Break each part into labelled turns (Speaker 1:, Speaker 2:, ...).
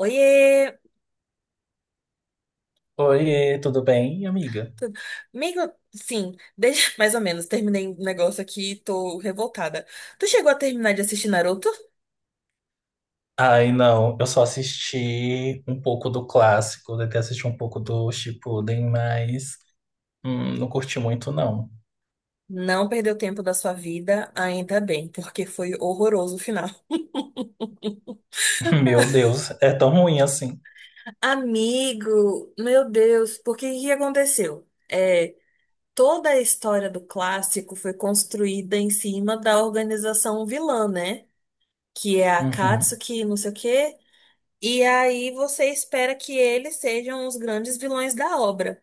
Speaker 1: Oiê!
Speaker 2: Oi, tudo bem, amiga?
Speaker 1: Tudo- Amigo, sim, desde mais ou menos, terminei um negócio aqui e tô revoltada. Tu chegou a terminar de assistir Naruto?
Speaker 2: Ai, não, eu só assisti um pouco do clássico, até assisti um pouco do Shippuden, mas não curti muito, não.
Speaker 1: Não perdeu tempo da sua vida, ainda bem, porque foi horroroso o final.
Speaker 2: Meu Deus, é tão ruim assim.
Speaker 1: Amigo, meu Deus, porque que aconteceu? É, toda a história do clássico foi construída em cima da organização vilã, né? Que é a
Speaker 2: Uhum.
Speaker 1: Akatsuki, não sei o quê. E aí você espera que eles sejam os grandes vilões da obra.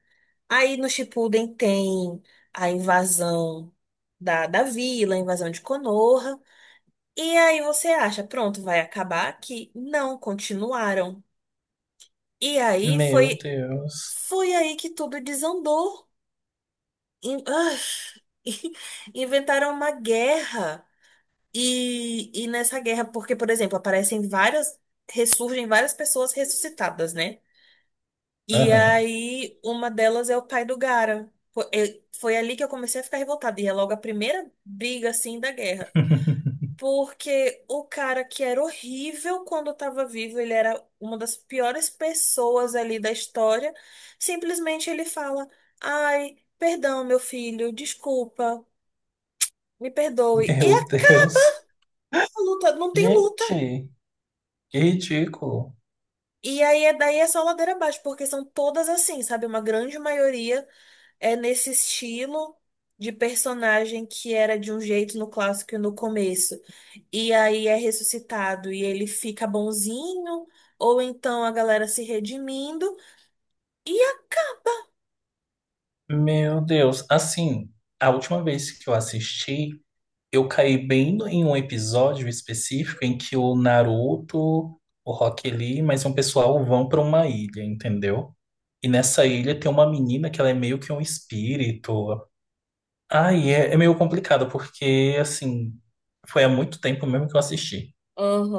Speaker 1: Aí no Shippuden tem a invasão da vila, a invasão de Konoha. E aí você acha, pronto, vai acabar aqui. Não, continuaram. E aí
Speaker 2: Meu
Speaker 1: foi,
Speaker 2: Deus.
Speaker 1: foi aí que tudo desandou. In- ah, Inventaram uma guerra. E nessa guerra, porque, por exemplo, aparecem várias, ressurgem várias pessoas ressuscitadas, né? E
Speaker 2: Aham.
Speaker 1: aí, uma delas é o pai do Gara. Foi ali que eu comecei a ficar revoltada. E é logo a primeira briga, assim, da guerra. Porque o cara que era horrível quando estava vivo, ele era uma das piores pessoas ali da história. Simplesmente ele fala: Ai, perdão, meu filho, desculpa, me perdoe. E
Speaker 2: Meu
Speaker 1: acaba
Speaker 2: Deus.
Speaker 1: a luta, não tem luta.
Speaker 2: Gente, que ridículo.
Speaker 1: E aí, é- daí é só ladeira abaixo, porque são todas assim, sabe? Uma grande maioria é nesse estilo de personagem que era de um jeito no clássico e no começo. E aí é ressuscitado e ele fica bonzinho, ou então a galera se redimindo. E a...
Speaker 2: Meu Deus. Assim, a última vez que eu assisti. Eu caí bem em um episódio específico em que o Naruto, o Rock Lee, mais um pessoal vão para uma ilha, entendeu? E nessa ilha tem uma menina que ela é meio que um espírito. Ai, é, é
Speaker 1: Vítima?
Speaker 2: meio complicado, porque, assim, foi há muito tempo mesmo que eu assisti.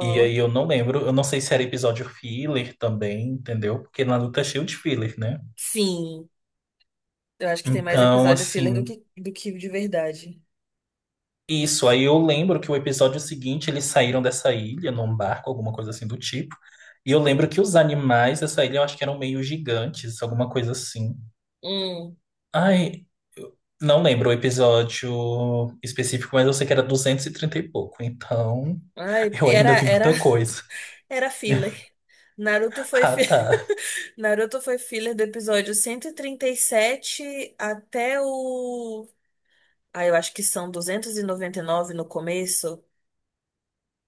Speaker 2: E aí eu não lembro, eu não sei se era episódio filler também, entendeu? Porque Naruto é cheio de filler, né?
Speaker 1: Sim. Eu acho que tem mais
Speaker 2: Então,
Speaker 1: episódio filler do
Speaker 2: assim.
Speaker 1: que de verdade.
Speaker 2: Isso, aí eu lembro que o episódio seguinte eles saíram dessa ilha num barco, alguma coisa assim do tipo. E eu lembro que os animais dessa ilha eu acho que eram meio gigantes, alguma coisa assim.
Speaker 1: Hum,
Speaker 2: Ai, eu não lembro o episódio específico, mas eu sei que era 230 e pouco. Então,
Speaker 1: ai,
Speaker 2: eu ainda vi muita coisa.
Speaker 1: era filler. Naruto foi
Speaker 2: Ah,
Speaker 1: fi...
Speaker 2: tá.
Speaker 1: Naruto foi filler do episódio 137 até o Ah, eu acho que são 299 no começo.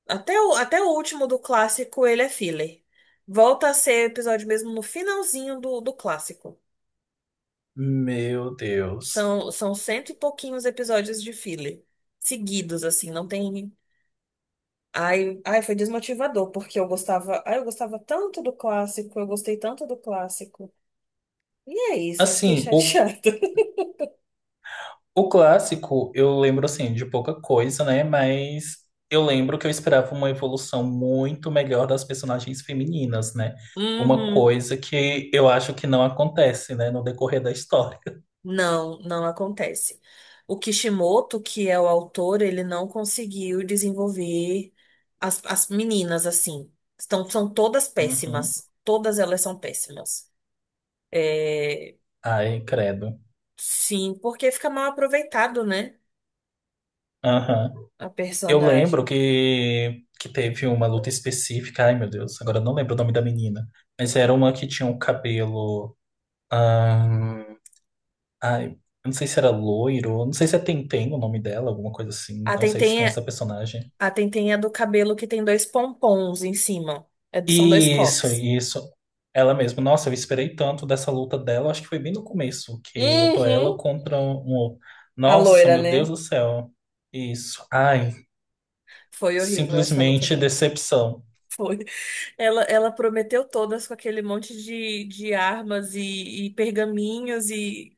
Speaker 1: Até o, até o último do clássico, ele é filler. Volta a ser episódio mesmo no finalzinho do clássico.
Speaker 2: Meu Deus.
Speaker 1: São, são cento e pouquinhos episódios de filler. Seguidos, assim, não tem. Ai, ai, foi desmotivador, porque eu gostava. Ai, eu gostava tanto do clássico, eu gostei tanto do clássico. E é isso, eu fiquei
Speaker 2: Assim, o
Speaker 1: chateada.
Speaker 2: O clássico, eu lembro assim de pouca coisa, né? Mas eu lembro que eu esperava uma evolução muito melhor das personagens femininas, né? Uma
Speaker 1: Uhum.
Speaker 2: coisa que eu acho que não acontece, né, no decorrer da história.
Speaker 1: Não, não acontece. O Kishimoto, que é o autor, ele não conseguiu desenvolver as meninas assim. Estão, são todas
Speaker 2: Uhum.
Speaker 1: péssimas. Todas elas são péssimas. É,
Speaker 2: Ai, credo.
Speaker 1: sim, porque fica mal aproveitado, né?
Speaker 2: Aham.
Speaker 1: A
Speaker 2: Eu lembro
Speaker 1: personagem.
Speaker 2: que teve uma luta específica. Ai, meu Deus, agora eu não lembro o nome da menina. Mas era uma que tinha um cabelo. ahn, Ai, eu não sei se era loiro, não sei se é Tenten o nome dela, alguma coisa assim.
Speaker 1: A
Speaker 2: Não sei se
Speaker 1: Tenten
Speaker 2: tem essa
Speaker 1: é,
Speaker 2: personagem.
Speaker 1: a Tenten é do cabelo que tem dois pompons em cima. É- são dois
Speaker 2: Isso,
Speaker 1: coques.
Speaker 2: isso. Ela mesma. Nossa, eu esperei tanto dessa luta dela. Acho que foi bem no começo que lutou ela
Speaker 1: Uhum.
Speaker 2: contra um outro.
Speaker 1: A
Speaker 2: Nossa,
Speaker 1: loira,
Speaker 2: meu Deus
Speaker 1: né?
Speaker 2: do céu. Isso. Ai,
Speaker 1: Foi horrível essa luta
Speaker 2: simplesmente
Speaker 1: dela.
Speaker 2: decepção.
Speaker 1: Foi. Ela prometeu todas com aquele monte de armas e pergaminhos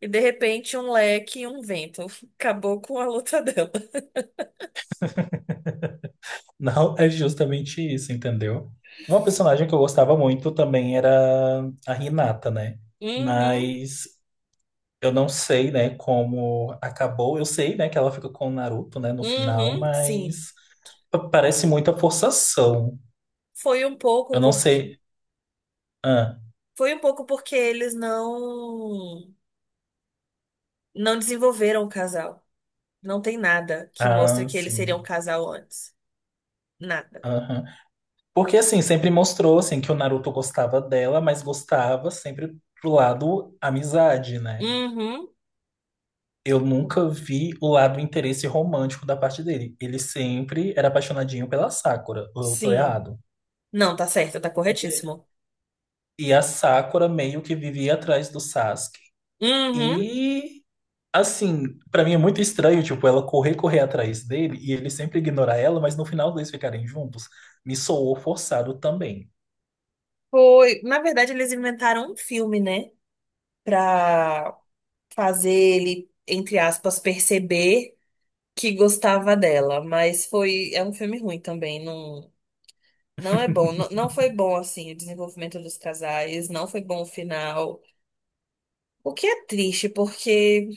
Speaker 1: e de repente um leque e um vento. Acabou com a luta dela.
Speaker 2: Não é justamente isso, entendeu? Uma personagem que eu gostava muito também era a Hinata, né?
Speaker 1: Uhum,
Speaker 2: Mas eu não sei, né, como acabou. Eu sei, né, que ela fica com o Naruto, né, no final,
Speaker 1: uhum, sim.
Speaker 2: mas parece muita forçação.
Speaker 1: Foi um pouco
Speaker 2: Eu não
Speaker 1: porque
Speaker 2: sei. Ah,
Speaker 1: foi um pouco porque eles não desenvolveram o casal. Não tem nada que mostre
Speaker 2: ah,
Speaker 1: que eles seriam
Speaker 2: sim.
Speaker 1: um casal antes. Nada.
Speaker 2: Aham. Porque, assim, sempre mostrou, assim, que o Naruto gostava dela, mas gostava sempre do lado amizade, né?
Speaker 1: Uhum.
Speaker 2: Eu nunca vi o lado interesse romântico da parte dele. Ele sempre era apaixonadinho pela Sakura. Ou eu tô
Speaker 1: Sim.
Speaker 2: errado.
Speaker 1: Não, tá certo, tá corretíssimo.
Speaker 2: E a Sakura meio que vivia atrás do Sasuke.
Speaker 1: Uhum.
Speaker 2: E assim, pra mim é muito estranho, tipo, ela correr, correr atrás dele e ele sempre ignorar ela, mas no final eles ficarem juntos, me soou forçado também.
Speaker 1: Foi, na verdade eles inventaram um filme, né? Para fazer ele, entre aspas, perceber que gostava dela, mas foi, é um filme ruim também, não, não é bom, não, não foi bom assim o desenvolvimento dos casais, não foi bom o final. O que é triste, porque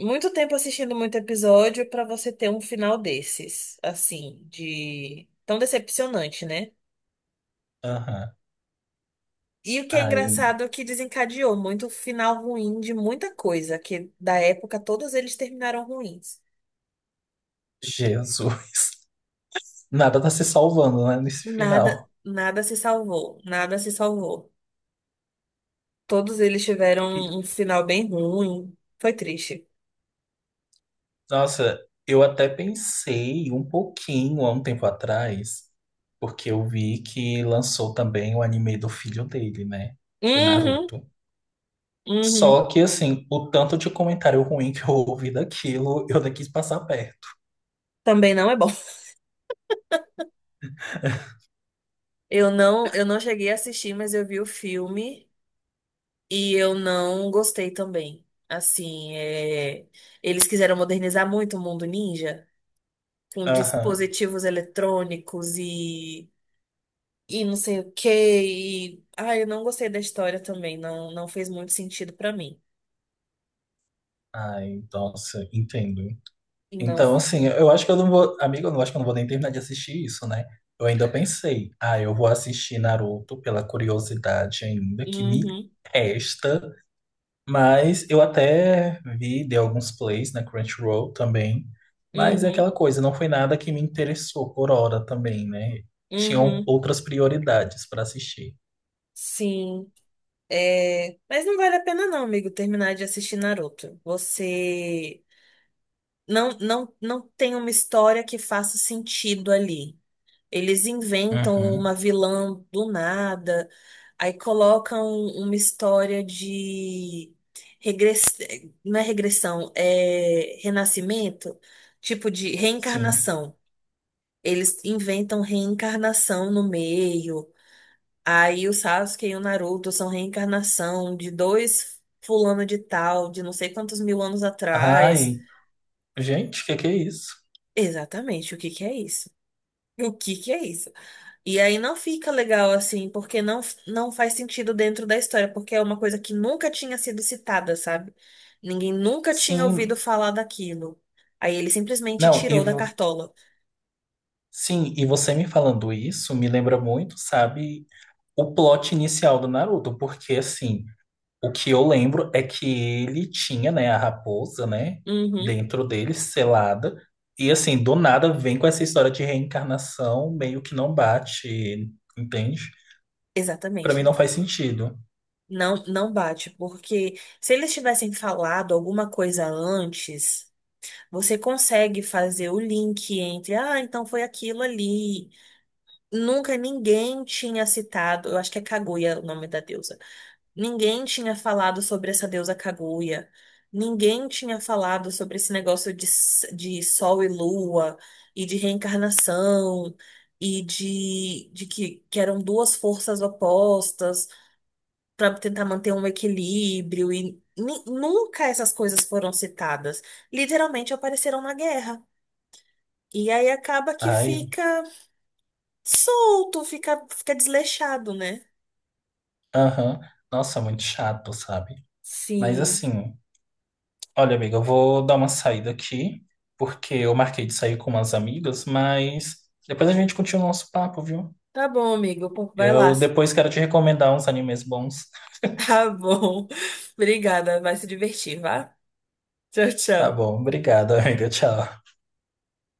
Speaker 1: muito tempo assistindo muito episódio para você ter um final desses, assim, de tão decepcionante, né?
Speaker 2: Aham.
Speaker 1: E o que é
Speaker 2: Ai,
Speaker 1: engraçado é que desencadeou muito o final ruim de muita coisa, que da época todos eles terminaram ruins.
Speaker 2: Jesus. Nada tá se salvando, né, nesse
Speaker 1: Nada,
Speaker 2: final.
Speaker 1: nada se salvou, nada se salvou. Todos eles
Speaker 2: E,
Speaker 1: tiveram um final bem ruim. Foi triste.
Speaker 2: nossa, eu até pensei um pouquinho há um tempo atrás, porque eu vi que lançou também o anime do filho dele, né, do
Speaker 1: Uhum,
Speaker 2: Naruto. Só
Speaker 1: uhum.
Speaker 2: que, assim, o tanto de comentário ruim que eu ouvi daquilo, eu nem quis passar perto.
Speaker 1: Também não é bom. Eu não cheguei a assistir, mas eu vi o filme e eu não gostei também. Assim, é, eles quiseram modernizar muito o mundo ninja com
Speaker 2: Aham.
Speaker 1: dispositivos eletrônicos e não sei o quê. E, ah, eu não gostei da história também. Não, não fez muito sentido pra mim.
Speaker 2: Ai, nossa, entendo.
Speaker 1: E não.
Speaker 2: Então, assim, eu acho que eu não vou. Amigo, eu não acho que eu não vou nem terminar de assistir isso, né? Eu ainda pensei, ah, eu vou assistir Naruto pela curiosidade ainda, que me
Speaker 1: Uhum.
Speaker 2: resta. Mas eu até vi, de alguns plays na Crunchyroll também. Mas é
Speaker 1: Uhum,
Speaker 2: aquela coisa, não foi nada que me interessou por hora também, né? Tinham
Speaker 1: uhum,
Speaker 2: outras prioridades para assistir.
Speaker 1: sim. É, mas não vale a pena não, amigo, terminar de assistir Naruto. Você não, não, não tem uma história que faça sentido ali. Eles inventam
Speaker 2: Uhum,
Speaker 1: uma vilã do nada, aí colocam uma história de regress... não é regressão, é renascimento, tipo de
Speaker 2: sim.
Speaker 1: reencarnação. Eles inventam reencarnação no meio. Aí o Sasuke e o Naruto são reencarnação de dois fulano de tal, de não sei quantos mil anos atrás.
Speaker 2: Ai, gente, o que que é isso?
Speaker 1: Exatamente, o que que é isso? O que que é isso? E aí não fica legal assim, porque não, não faz sentido dentro da história, porque é uma coisa que nunca tinha sido citada, sabe? Ninguém nunca tinha ouvido
Speaker 2: Sim,
Speaker 1: falar daquilo. Aí ele simplesmente
Speaker 2: não, e
Speaker 1: tirou da cartola.
Speaker 2: Você me falando isso me lembra muito, sabe, o plot inicial do Naruto, porque assim, o que eu lembro é que ele tinha, né, a raposa, né,
Speaker 1: Uhum,
Speaker 2: dentro dele, selada, e assim, do nada vem com essa história de reencarnação, meio que não bate, entende? Pra mim
Speaker 1: exatamente.
Speaker 2: não faz sentido.
Speaker 1: Não, não bate, porque se eles tivessem falado alguma coisa antes. Você consegue fazer o link entre, ah, então foi aquilo ali. Nunca ninguém tinha citado, eu acho que é Kaguya o nome da deusa. Ninguém tinha falado sobre essa deusa Kaguya. Ninguém tinha falado sobre esse negócio de, de sol e lua, e de reencarnação, e que eram duas forças opostas para tentar manter um equilíbrio. E nunca essas coisas foram citadas. Literalmente apareceram na guerra. E aí acaba que
Speaker 2: Ai,
Speaker 1: fica solto, fica, fica desleixado, né?
Speaker 2: aham, nossa, muito chato, sabe? Mas
Speaker 1: Sim.
Speaker 2: assim. Olha, amiga, eu vou dar uma saída aqui, porque eu marquei de sair com umas amigas, mas depois a gente continua o nosso papo, viu?
Speaker 1: Tá bom, amigo. Pô, vai lá.
Speaker 2: Eu depois quero te recomendar uns animes bons.
Speaker 1: Tá bom. Obrigada, vai se divertir, vá. Tchau,
Speaker 2: Tá
Speaker 1: tchau.
Speaker 2: bom, obrigado, amiga. Tchau.